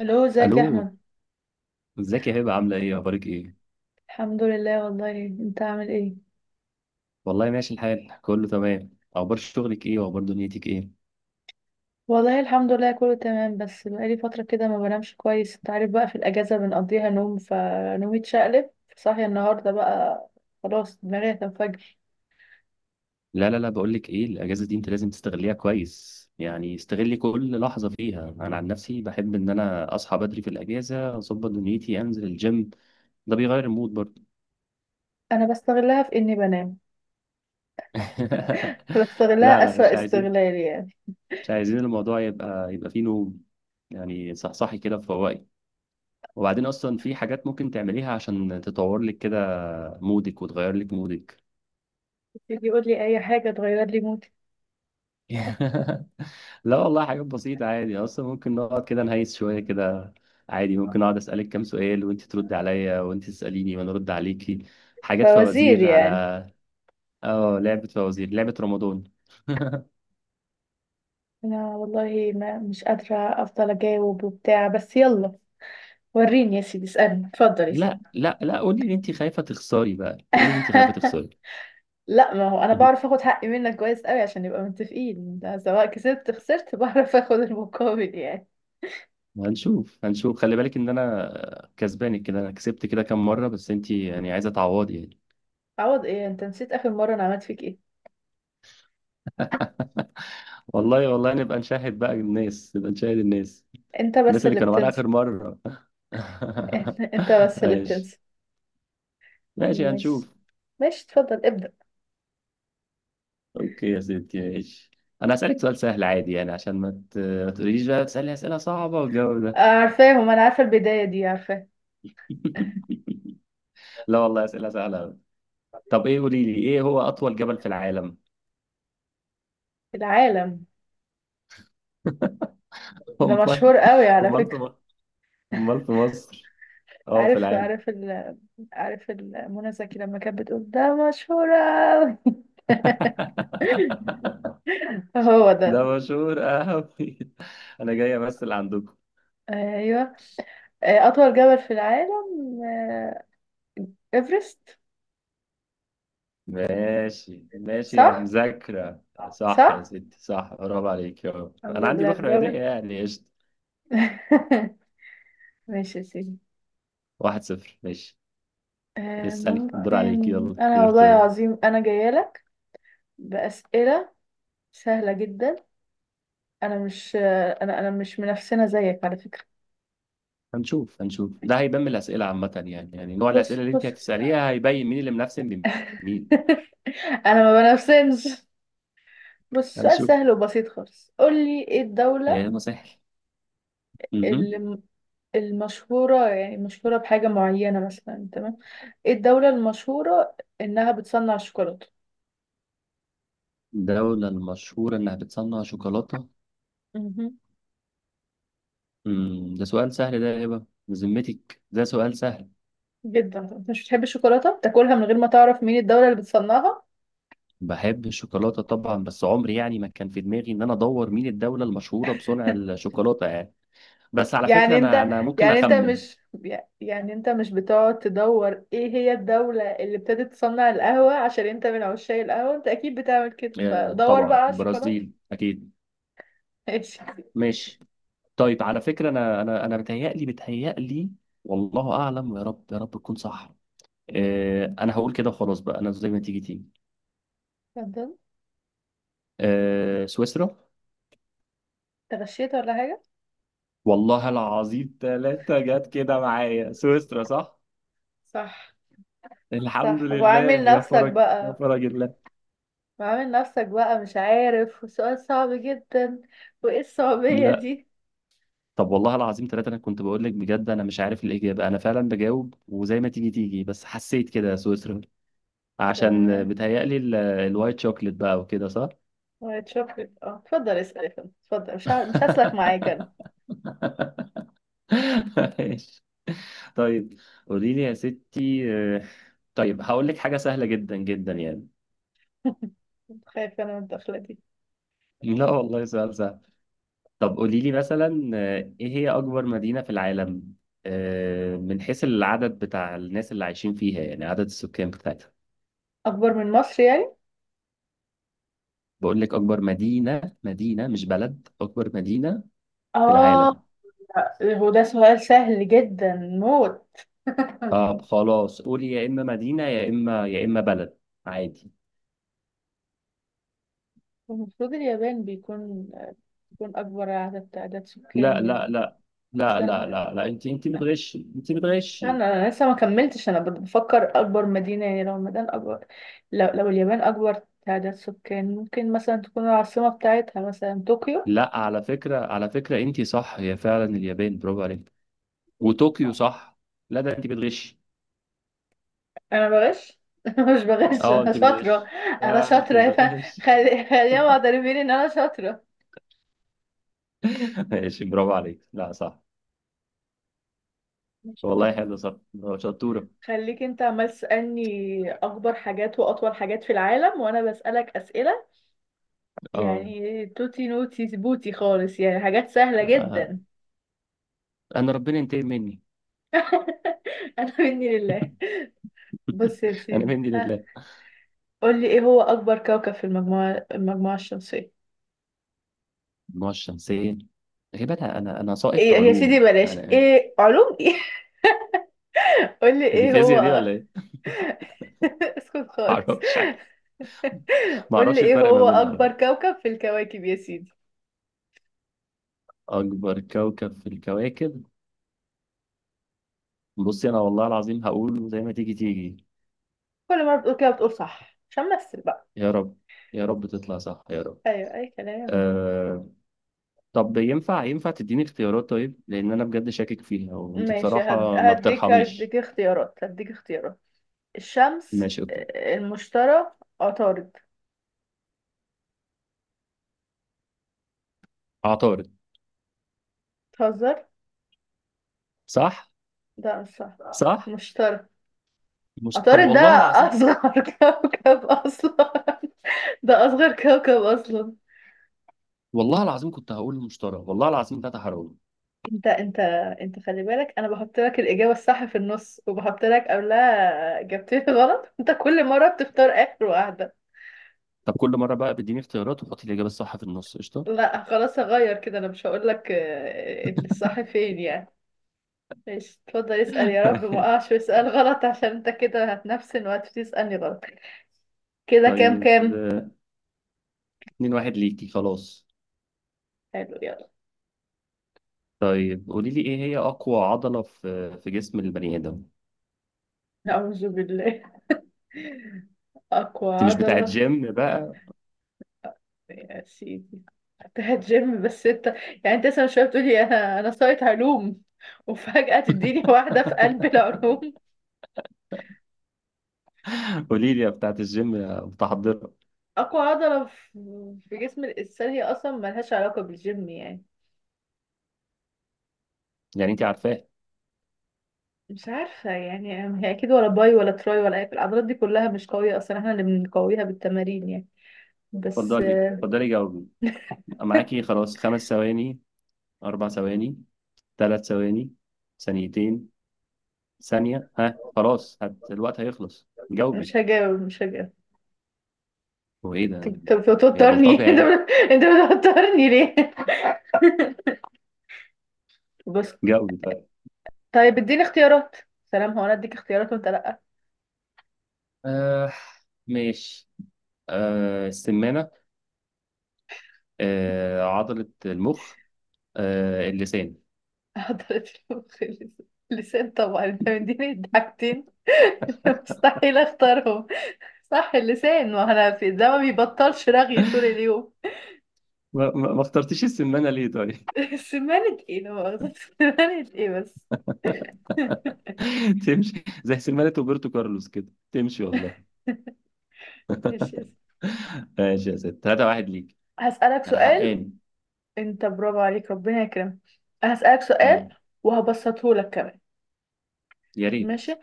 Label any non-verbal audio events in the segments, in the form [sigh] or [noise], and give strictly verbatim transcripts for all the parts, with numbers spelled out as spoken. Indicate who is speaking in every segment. Speaker 1: الو ازيك يا
Speaker 2: الو
Speaker 1: احمد.
Speaker 2: ازيك يا هبه، عامله ايه، اخبارك ايه؟
Speaker 1: الحمد لله، والله انت عامل ايه؟
Speaker 2: والله ماشي الحال، كله تمام. اخبار شغلك ايه واخبار دنيتك ايه؟
Speaker 1: والله الحمد لله كله تمام، بس بقالي فتره كده ما بنامش كويس، انت عارف بقى في الاجازه بنقضيها نوم فنومي اتشقلب. صاحيه النهارده بقى. خلاص دماغي هتنفجر.
Speaker 2: لا لا لا، بقول لك ايه، الاجازه دي انت لازم تستغليها كويس، يعني استغلي كل لحظه فيها. انا عن نفسي بحب ان انا اصحى بدري في الاجازه، اظبط دنيتي، انزل الجيم، ده بيغير المود برضه.
Speaker 1: انا بستغلها في اني بنام.
Speaker 2: [laughs]
Speaker 1: [laughs]
Speaker 2: لا
Speaker 1: بستغلها
Speaker 2: لا،
Speaker 1: اسوأ
Speaker 2: مش عايزين،
Speaker 1: استغلال يعني.
Speaker 2: مش عايزين الموضوع يبقى يبقى فيه نوم، يعني صحصحي كده، فوقي. وبعدين اصلا في حاجات ممكن تعمليها عشان تطور لك كده مودك، وتغير لك مودك.
Speaker 1: تيجي يقول لي اي حاجه تغير لي مودي.
Speaker 2: [laughs] لا والله، حاجات بسيطة عادي، أصلا ممكن نقعد كده نهيس شوية كده، عادي. ممكن أقعد أسألك كام سؤال وأنت ترد عليا، وأنت تسأليني وأنا أرد عليكي، حاجات
Speaker 1: فوزير
Speaker 2: فوازير على.
Speaker 1: يعني؟
Speaker 2: آه، لعبة فوازير، لعبة رمضان. [laughs]
Speaker 1: انا والله ما مش قادره. افضل اجاوب وبتاع بس يلا. وريني يا سيدي اسالني، اتفضل يا سيدي.
Speaker 2: لا لا لا، قولي إن أنت خايفة تخسري بقى، قولي إن أنت خايفة تخسري.
Speaker 1: [laughs] لا ما هو انا بعرف
Speaker 2: [laughs]
Speaker 1: اخد حقي منك كويس قوي عشان نبقى متفقين، ده سواء كسبت خسرت [laughs] بعرف اخد المقابل يعني.
Speaker 2: هنشوف هنشوف، خلي بالك إن أنا كسبانك كده. أنا كسبت كده كام مرة، بس أنت يعني عايزة تعوضي يعني.
Speaker 1: عوض ايه؟ انت نسيت اخر مرة انا عملت فيك ايه؟
Speaker 2: [laughs] والله والله، نبقى نشاهد بقى الناس، نبقى نشاهد الناس،
Speaker 1: انت
Speaker 2: الناس
Speaker 1: بس
Speaker 2: اللي
Speaker 1: اللي
Speaker 2: كانوا معانا
Speaker 1: بتنسى.
Speaker 2: آخر مرة.
Speaker 1: [laughs] انت
Speaker 2: [laughs]
Speaker 1: بس اللي
Speaker 2: ماشي
Speaker 1: بتنسى.
Speaker 2: ماشي،
Speaker 1: مش
Speaker 2: هنشوف.
Speaker 1: ماشي اتفضل ابدأ.
Speaker 2: اوكي يا ستي، ماشي. انا هسألك سؤال سهل عادي، يعني عشان ما ت- ما تقوليليش بقى تسألي أسئلة صعبة والجو ده.
Speaker 1: عارفاهم، انا عارفة البداية دي عارفاه.
Speaker 2: [laughs] لا والله، أسئلة سهلة أوي. طب ايه، قولي لي ايه هو أطول جبل في العالم؟
Speaker 1: العالم؟
Speaker 2: [laughs]
Speaker 1: ده
Speaker 2: امال؟
Speaker 1: مشهور قوي على
Speaker 2: امال في
Speaker 1: فكرة.
Speaker 2: مصر؟ امال في مصر؟ اه، في
Speaker 1: عارف
Speaker 2: العالم.
Speaker 1: عارف ال، عارف ال- منى زكي لما كانت بتقول ده مشهور قوي. [laughs]
Speaker 2: [laughs]
Speaker 1: هو
Speaker 2: ده
Speaker 1: ده.
Speaker 2: مشهور قوي، انا جاي امثل عندكم.
Speaker 1: ايوه. آه، أطول جبل في العالم. آه، إيفرست.
Speaker 2: ماشي ماشي يا
Speaker 1: صح.
Speaker 2: مذاكرة. صح يا
Speaker 1: صح
Speaker 2: ستي، صح، برافو عليك، يا رب.
Speaker 1: الحمد
Speaker 2: أنا عندي
Speaker 1: لله،
Speaker 2: روح
Speaker 1: برافو.
Speaker 2: رياضية يعني، قشطة.
Speaker 1: [laughs] ماشي يا سيدي.
Speaker 2: واحد صفر، ماشي.
Speaker 1: آه،
Speaker 2: اسألي، الدور
Speaker 1: ممكن.
Speaker 2: عليك، يلا،
Speaker 1: أنا
Speaker 2: يور
Speaker 1: والله
Speaker 2: تورن.
Speaker 1: العظيم أنا جاية لك بأسئلة سهلة جدا. أنا مش آه، أنا أنا مش منافسنا زيك على فكرة.
Speaker 2: هنشوف هنشوف، ده هيبان من الأسئلة، عامة يعني، يعني نوع
Speaker 1: بص
Speaker 2: الأسئلة اللي أنت
Speaker 1: بص.
Speaker 2: هتسأليها هيبين مين اللي منافسن بمين.
Speaker 1: [laughs] أنا ما بنافسنش. بص، سؤال
Speaker 2: هنشوف.
Speaker 1: سهل وبسيط خالص، قولي إيه
Speaker 2: يا
Speaker 1: الدولة
Speaker 2: ما سهل. مهم.
Speaker 1: الم- المشهورة، يعني مشهورة بحاجة معينة مثلا، تمام؟ ايه الدولة المشهورة انها بتصنع الشوكولاتة؟
Speaker 2: الدولة المشهورة إنها بتصنع شوكولاتة؟
Speaker 1: مهم.
Speaker 2: مم. ده سؤال سهل ده يا هبة؟ بذمتك ده سؤال سهل؟
Speaker 1: جدا، انت مش بتحب الشوكولاتة؟ بتاكلها من غير ما تعرف مين الدولة اللي بتصنعها؟
Speaker 2: بحب الشوكولاتة طبعا، بس عمري يعني ما كان في دماغي ان انا ادور مين الدولة المشهورة بصنع الشوكولاتة يعني. بس على فكرة،
Speaker 1: يعني انت
Speaker 2: انا انا ممكن
Speaker 1: يعني انت
Speaker 2: اخمن.
Speaker 1: مش يعني انت مش بتقعد تدور ايه هي الدولة اللي ابتدت تصنع القهوة عشان انت من عشاق القهوة؟ انت اكيد بتعمل كده،
Speaker 2: آه،
Speaker 1: فدور
Speaker 2: طبعا
Speaker 1: بقى على الشوكولاتة.
Speaker 2: البرازيل اكيد.
Speaker 1: [laughs] ماشي.
Speaker 2: ماشي. طيب على فكرة، انا انا انا متهيألي متهيألي، والله اعلم، يا رب يا رب تكون صح. آه، انا هقول كده وخلاص بقى، انا زي ما تيجي تيجي.
Speaker 1: اتفضل.
Speaker 2: آه، سويسرا.
Speaker 1: انت غشيت ولا حاجة؟
Speaker 2: والله العظيم ثلاثة جت كده معايا، سويسرا صح.
Speaker 1: صح.
Speaker 2: الحمد
Speaker 1: صح
Speaker 2: لله،
Speaker 1: وعامل
Speaker 2: يا
Speaker 1: نفسك
Speaker 2: فرج يا
Speaker 1: بقى،
Speaker 2: فرج الله.
Speaker 1: وعامل نفسك بقى مش عارف وسؤال صعب جدا. وايه الصعوبية دي؟
Speaker 2: طب والله العظيم ثلاثة، أنا كنت بقول لك، بجد أنا مش عارف الإجابة، أنا فعلا بجاوب وزي ما تيجي تيجي، بس حسيت كده يا سويسرا. [laughs] عشان
Speaker 1: تمام.
Speaker 2: بتهيألي ال- الوايت شوكليت بقى، وكده صح؟
Speaker 1: وايت شوكليت اه، اتفضل اسأل يا فندم، اتفضل، مش ه... مش هسلك معاك انا.
Speaker 2: [laughs] ماشي. طيب قولي لي يا ستي، آه، طيب هقول لك حاجة سهلة جدا جدا يعني.
Speaker 1: خايفة انا من الدخلة دي.
Speaker 2: [laughs] لا والله، سؤال سهل. طب قولي لي مثلا، آه، إيه هي أكبر مدينة في العالم؟ آه، من حيث العدد بتاع الناس اللي عايشين فيها، يعني عدد السكان بتاعتها.
Speaker 1: اكبر من مصر يعني؟
Speaker 2: بقول لك أكبر مدينة، مدينة مش بلد، أكبر مدينة في
Speaker 1: اه.
Speaker 2: العالم.
Speaker 1: لا، هو ده سؤال سهل جدا موت. [laughs]
Speaker 2: طب خلاص، قولي، يا إما مدينة يا إما يا إما بلد، عادي.
Speaker 1: المفروض اليابان بيكون بيكون اكبر عدد تعداد
Speaker 2: لا
Speaker 1: سكان يعني.
Speaker 2: لا لا لا، لا
Speaker 1: سهل،
Speaker 2: لا لا، أنت أنت بتغشي، أنت
Speaker 1: بس
Speaker 2: بتغشي.
Speaker 1: انا لسه ما كملتش، انا بفكر اكبر مدينه يعني لو المدينه اكبر. لو, لو اليابان اكبر تعداد سكان ممكن مثلا تكون العاصمه بتاعتها مثلا طوكيو.
Speaker 2: لا، على فكرة على فكرة، أنت صح، هي فعلا اليابان، برافو عليك، وطوكيو صح. لا ده أنت بتغشي.
Speaker 1: انا بغش؟ [laughs] مش بغش
Speaker 2: أه،
Speaker 1: انا
Speaker 2: أنت
Speaker 1: شاطره.
Speaker 2: بتغشي.
Speaker 1: انا
Speaker 2: لا أنت
Speaker 1: شاطره [laughs] يا فا،
Speaker 2: بتغشي.
Speaker 1: خلي خليهم معترفين ان انا شاطره.
Speaker 2: [laughs] ماشي، برافو عليك، لا صح.
Speaker 1: ماشي يا سيدي.
Speaker 2: والله حلو، صح، شطورة.
Speaker 1: خليك انت عمال تسالني اكبر حاجات واطول حاجات في العالم، وانا بسالك اسئله
Speaker 2: أه.
Speaker 1: يعني توتي نوتي سبوتي خالص، يعني حاجات سهله
Speaker 2: آه.
Speaker 1: جدا.
Speaker 2: أنا ربنا ينتقم مني.
Speaker 1: [laughs] انا مني لله. بص يا
Speaker 2: [laughs] أنا
Speaker 1: سيدي
Speaker 2: مني
Speaker 1: ها،
Speaker 2: لله.
Speaker 1: قول لي ايه هو اكبر كوكب في المجموعه المجموعه الشمسيه؟
Speaker 2: المجموعة الشمسية؟ يا جدعان، أنا أنا أنا ساقط
Speaker 1: ايه يا سيدي
Speaker 2: علوم
Speaker 1: بلاش
Speaker 2: أنا يعني.
Speaker 1: ايه علوم ايه؟ [laughs] قول لي
Speaker 2: هي دي
Speaker 1: ايه
Speaker 2: فيزياء دي
Speaker 1: هو.
Speaker 2: ولا
Speaker 1: [laughs]
Speaker 2: إيه؟ [laughs]
Speaker 1: اسكت
Speaker 2: ما
Speaker 1: خالص.
Speaker 2: أعرفش.
Speaker 1: [laughs]
Speaker 2: ما
Speaker 1: قول لي
Speaker 2: أعرفش
Speaker 1: ايه
Speaker 2: الفرق ما
Speaker 1: هو
Speaker 2: بينهم على
Speaker 1: اكبر
Speaker 2: فكرة.
Speaker 1: كوكب في الكواكب يا سيدي.
Speaker 2: أكبر كوكب في الكواكب. بصي أنا والله العظيم هقول زي ما تيجي تيجي.
Speaker 1: كل مره بتقول كده بتقول صح عشان امثل بقى.
Speaker 2: يا رب، يا رب تطلع صح، يا رب.
Speaker 1: ايوه اي كلام.
Speaker 2: أه... طب ينفع، ينفع تديني اختيارات طيب؟ لأن أنا بجد شاكك فيها، وأنت
Speaker 1: ماشي، هد...
Speaker 2: بصراحة ما
Speaker 1: هديك
Speaker 2: بترحميش.
Speaker 1: هديك اختيارات، هديك اختيارات. الشمس،
Speaker 2: ماشي، أوكي.
Speaker 1: آه، المشتري، عطارد.
Speaker 2: عطارد.
Speaker 1: تهزر؟
Speaker 2: صح.
Speaker 1: ده مش صح.
Speaker 2: صح.
Speaker 1: المشتري؟
Speaker 2: مش... طب
Speaker 1: عطارد ده
Speaker 2: والله العظيم.
Speaker 1: اصغر [laughs] كوكب اصلا، ده اصغر كوكب اصلا.
Speaker 2: والله العظيم كنت هقول المشتري، والله العظيم ده تحرر.
Speaker 1: انت انت انت خلي بالك انا بحط لك الاجابه الصح في النص، وبحط لك قبلها اجابتين غلط، انت كل مره بتختار اخر واحده.
Speaker 2: طب كل مرة بقى بيديني اختيارات وحطي الإجابة الصح في النص، قشطة.
Speaker 1: لا خلاص هغير كده، انا مش هقول لك آه، الصح فين يعني. ماشي اتفضل اسال، يا رب ما
Speaker 2: [laughs]
Speaker 1: اقعش في سؤال غلط عشان انت كده هتنفسن وهتسالني غلط. كده كام
Speaker 2: طيب،
Speaker 1: كام؟
Speaker 2: اتنين واحد ليكي خلاص.
Speaker 1: حلو يلا.
Speaker 2: طيب قولي لي، ايه هي أقوى عضلة في في جسم البني آدم؟
Speaker 1: نعوذ بالله. [laughs] اقوى
Speaker 2: انت مش بتاعت
Speaker 1: عضله؟
Speaker 2: جيم بقى؟
Speaker 1: يا سيدي بتاعت جيم بس انت يعني انت لسه من شويه بتقولي انا انا سايت علوم، وفجاه تديني واحده في قلب
Speaker 2: [laughs]
Speaker 1: العلوم.
Speaker 2: قولي لي يا بتاعت الجيم، يا متحضرة.
Speaker 1: اقوى عضله في في جسم الانسان هي اصلا ملهاش علاقه بالجيم يعني.
Speaker 2: يعني انت عارفاه.
Speaker 1: مش عارفه يعني. هي اكيد ولا باي ولا تراي ولا اي العضلات دي كلها مش قويه اصلا، احنا اللي بنقويها بالتمارين يعني. بس
Speaker 2: اتفضلي
Speaker 1: آه،
Speaker 2: اتفضلي، جاوبي. معاكي خلاص، خمس ثواني، أربع ثواني، ثلاث ثواني، ثانيتين، ثانية، ها خلاص، هت... الوقت هيخلص، جاوبي.
Speaker 1: مش هجاوب مش هجاوب.
Speaker 2: هو ايه
Speaker 1: طب
Speaker 2: ده؟
Speaker 1: طب
Speaker 2: هي
Speaker 1: بتوترني
Speaker 2: بلطجة
Speaker 1: [laughs] انت
Speaker 2: يعني.
Speaker 1: بت- انت بتوترني ليه بس؟
Speaker 2: جاوبي.
Speaker 1: طيب اديني اختيارات. سلام، هو انا اديك اختيارات وانت لا؟
Speaker 2: آه. ماشي. آه، السمانة. آه، عضلة المخ. آه، اللسان.
Speaker 1: حضرت المخ، اللس- اللسان طبعا، انت مديني الضحكتين [laughs] مستحيل اختارهم. صح اللسان، وانا في ده ما بيبطلش رغي طول اليوم.
Speaker 2: ما, ما ما اخترتش السمانة ليه طيب؟
Speaker 1: [laughs] سمانة ايه لا مؤاخذة، سمانة ايه بس؟ [laughs]
Speaker 2: [laughs] تمشي زي سمانة روبرتو كارلوس كده، تمشي والله.
Speaker 1: ماشي.
Speaker 2: ماشي يا ست، تلاتة واحد ليك.
Speaker 1: هسألك
Speaker 2: أنا
Speaker 1: سؤال.
Speaker 2: حقاني.
Speaker 1: انت برافو عليك، ربنا يكرمك. هسألك سؤال،
Speaker 2: مم.
Speaker 1: وهبسطه لك كمان.
Speaker 2: يا ريت.
Speaker 1: ماشي،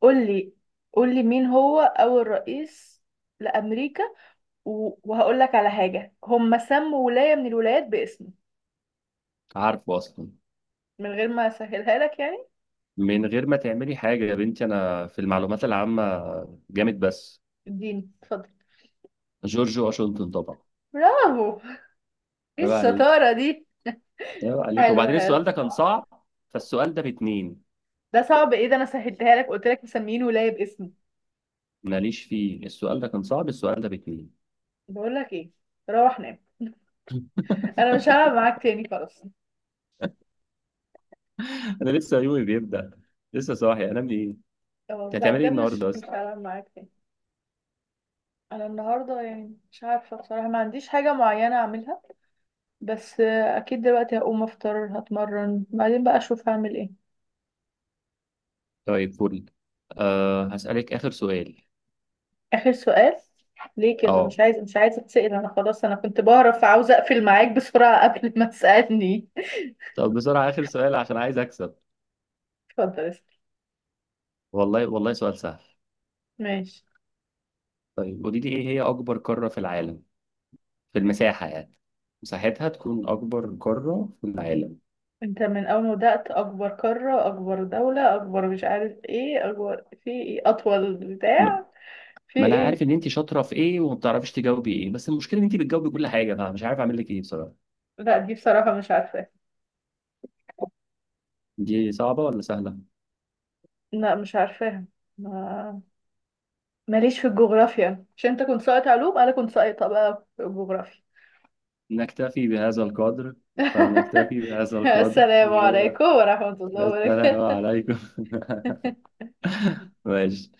Speaker 1: قول لي، قول لي مين هو أول رئيس لأمريكا، و... وهقول لك على حاجة هم سموا ولاية من الولايات باسمه،
Speaker 2: عارفه أصلا؟
Speaker 1: من غير ما اسهلها لك يعني.
Speaker 2: من غير ما تعملي حاجة يا بنتي، أنا في المعلومات العامة جامد بس.
Speaker 1: اديني اتفضل.
Speaker 2: جورج واشنطن طبعا.
Speaker 1: برافو. ايه
Speaker 2: عيب عليك،
Speaker 1: الشطارة دي؟
Speaker 2: عيب عليك،
Speaker 1: حلو
Speaker 2: وبعدين
Speaker 1: حلو.
Speaker 2: السؤال ده كان صعب، فالسؤال ده باتنين.
Speaker 1: ده صعب ايه؟ ده انا سهلتها لك، قلت لك مسميين ولاية باسمي.
Speaker 2: ماليش فيه، السؤال ده كان صعب، السؤال ده باتنين.
Speaker 1: بقول لك ايه، روح نام. انا مش هلعب
Speaker 2: [laughs]
Speaker 1: معاك تاني خلاص.
Speaker 2: انا لسه يومي بيبدأ، لسه صاحي، انام ايه؟ انت
Speaker 1: اه، لا
Speaker 2: هتعملي ايه
Speaker 1: بجد مش
Speaker 2: النهارده
Speaker 1: مش
Speaker 2: اصلا؟
Speaker 1: هلعب معاك تاني. انا النهارده يعني مش عارفه بصراحه، ما عنديش حاجه معينه اعملها، بس آه، اكيد دلوقتي هقوم افطر هتمرن، بعدين بقى اشوف هعمل ايه.
Speaker 2: طيب، فل. أه، هسألك آخر سؤال.
Speaker 1: آخر سؤال؟ ليه كده
Speaker 2: اه.
Speaker 1: مش عايز مش عايزة تسأل؟ أنا خلاص أنا كنت بعرف عاوزة أقفل معاك بسرعة [laughs] قبل ما تسألني.
Speaker 2: طب بسرعة آخر سؤال، عشان عايز أكسب.
Speaker 1: [laughs] اتفضل اسأل.
Speaker 2: والله والله، سؤال سهل.
Speaker 1: ماشي.
Speaker 2: طيب قولي لي، إيه هي أكبر قارة في العالم، في المساحة يعني، مساحتها تكون أكبر قارة في العالم.
Speaker 1: أنت من أول ما بدأت أكبر قارة أكبر دولة أكبر مش عارف إيه أكبر في إيه أطول
Speaker 2: م-
Speaker 1: بتاع في
Speaker 2: ما أنا عارف
Speaker 1: إيه؟
Speaker 2: إن أنت شاطرة في إيه وما بتعرفي تجاوبي إيه، بس المشكلة إن أنت بتجاوبي كل حاجة، أنا مش عارف أعمل لك إيه بصراحة.
Speaker 1: لا دي بصراحة مش عارفاها.
Speaker 2: دي صعبة ولا سهلة؟
Speaker 1: لا مش عارفاها. ما ماليش في الجغرافيا، مش أنت كنت ساقط علوم؟ أنا كنت ساقطة بقى في الجغرافيا.
Speaker 2: نكتفي بهذا القدر، فلنكتفي بهذا
Speaker 1: [laughs]
Speaker 2: القدر،
Speaker 1: السلام
Speaker 2: وهو
Speaker 1: عليكم ورحمة
Speaker 2: ده
Speaker 1: الله
Speaker 2: السلام
Speaker 1: وبركاته.
Speaker 2: عليكم. [laughs]
Speaker 1: [laughs]
Speaker 2: ماشي.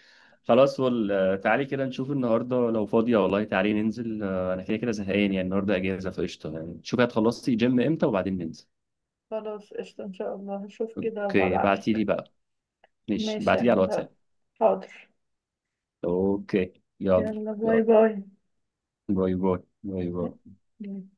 Speaker 2: خلاص وال- تعالي كده نشوف النهارده لو فاضية والله، تعالي ننزل. آه، انا كده كده زهقان يعني، النهارده اجازة فقشطة يعني، شوفي هتخلصي جيم امتى وبعدين ننزل.
Speaker 1: خلاص قشطة إن شاء الله هشوف كده
Speaker 2: اوكي، بعتي لي
Speaker 1: وهبعتلك.
Speaker 2: بقى، ماشي،
Speaker 1: ماشي يا
Speaker 2: بعتي لي على
Speaker 1: هند.
Speaker 2: الواتساب.
Speaker 1: حاضر.
Speaker 2: اوكي، يلا.
Speaker 1: يلا
Speaker 2: يلا،
Speaker 1: باي
Speaker 2: باي باي. باي باي.
Speaker 1: باي.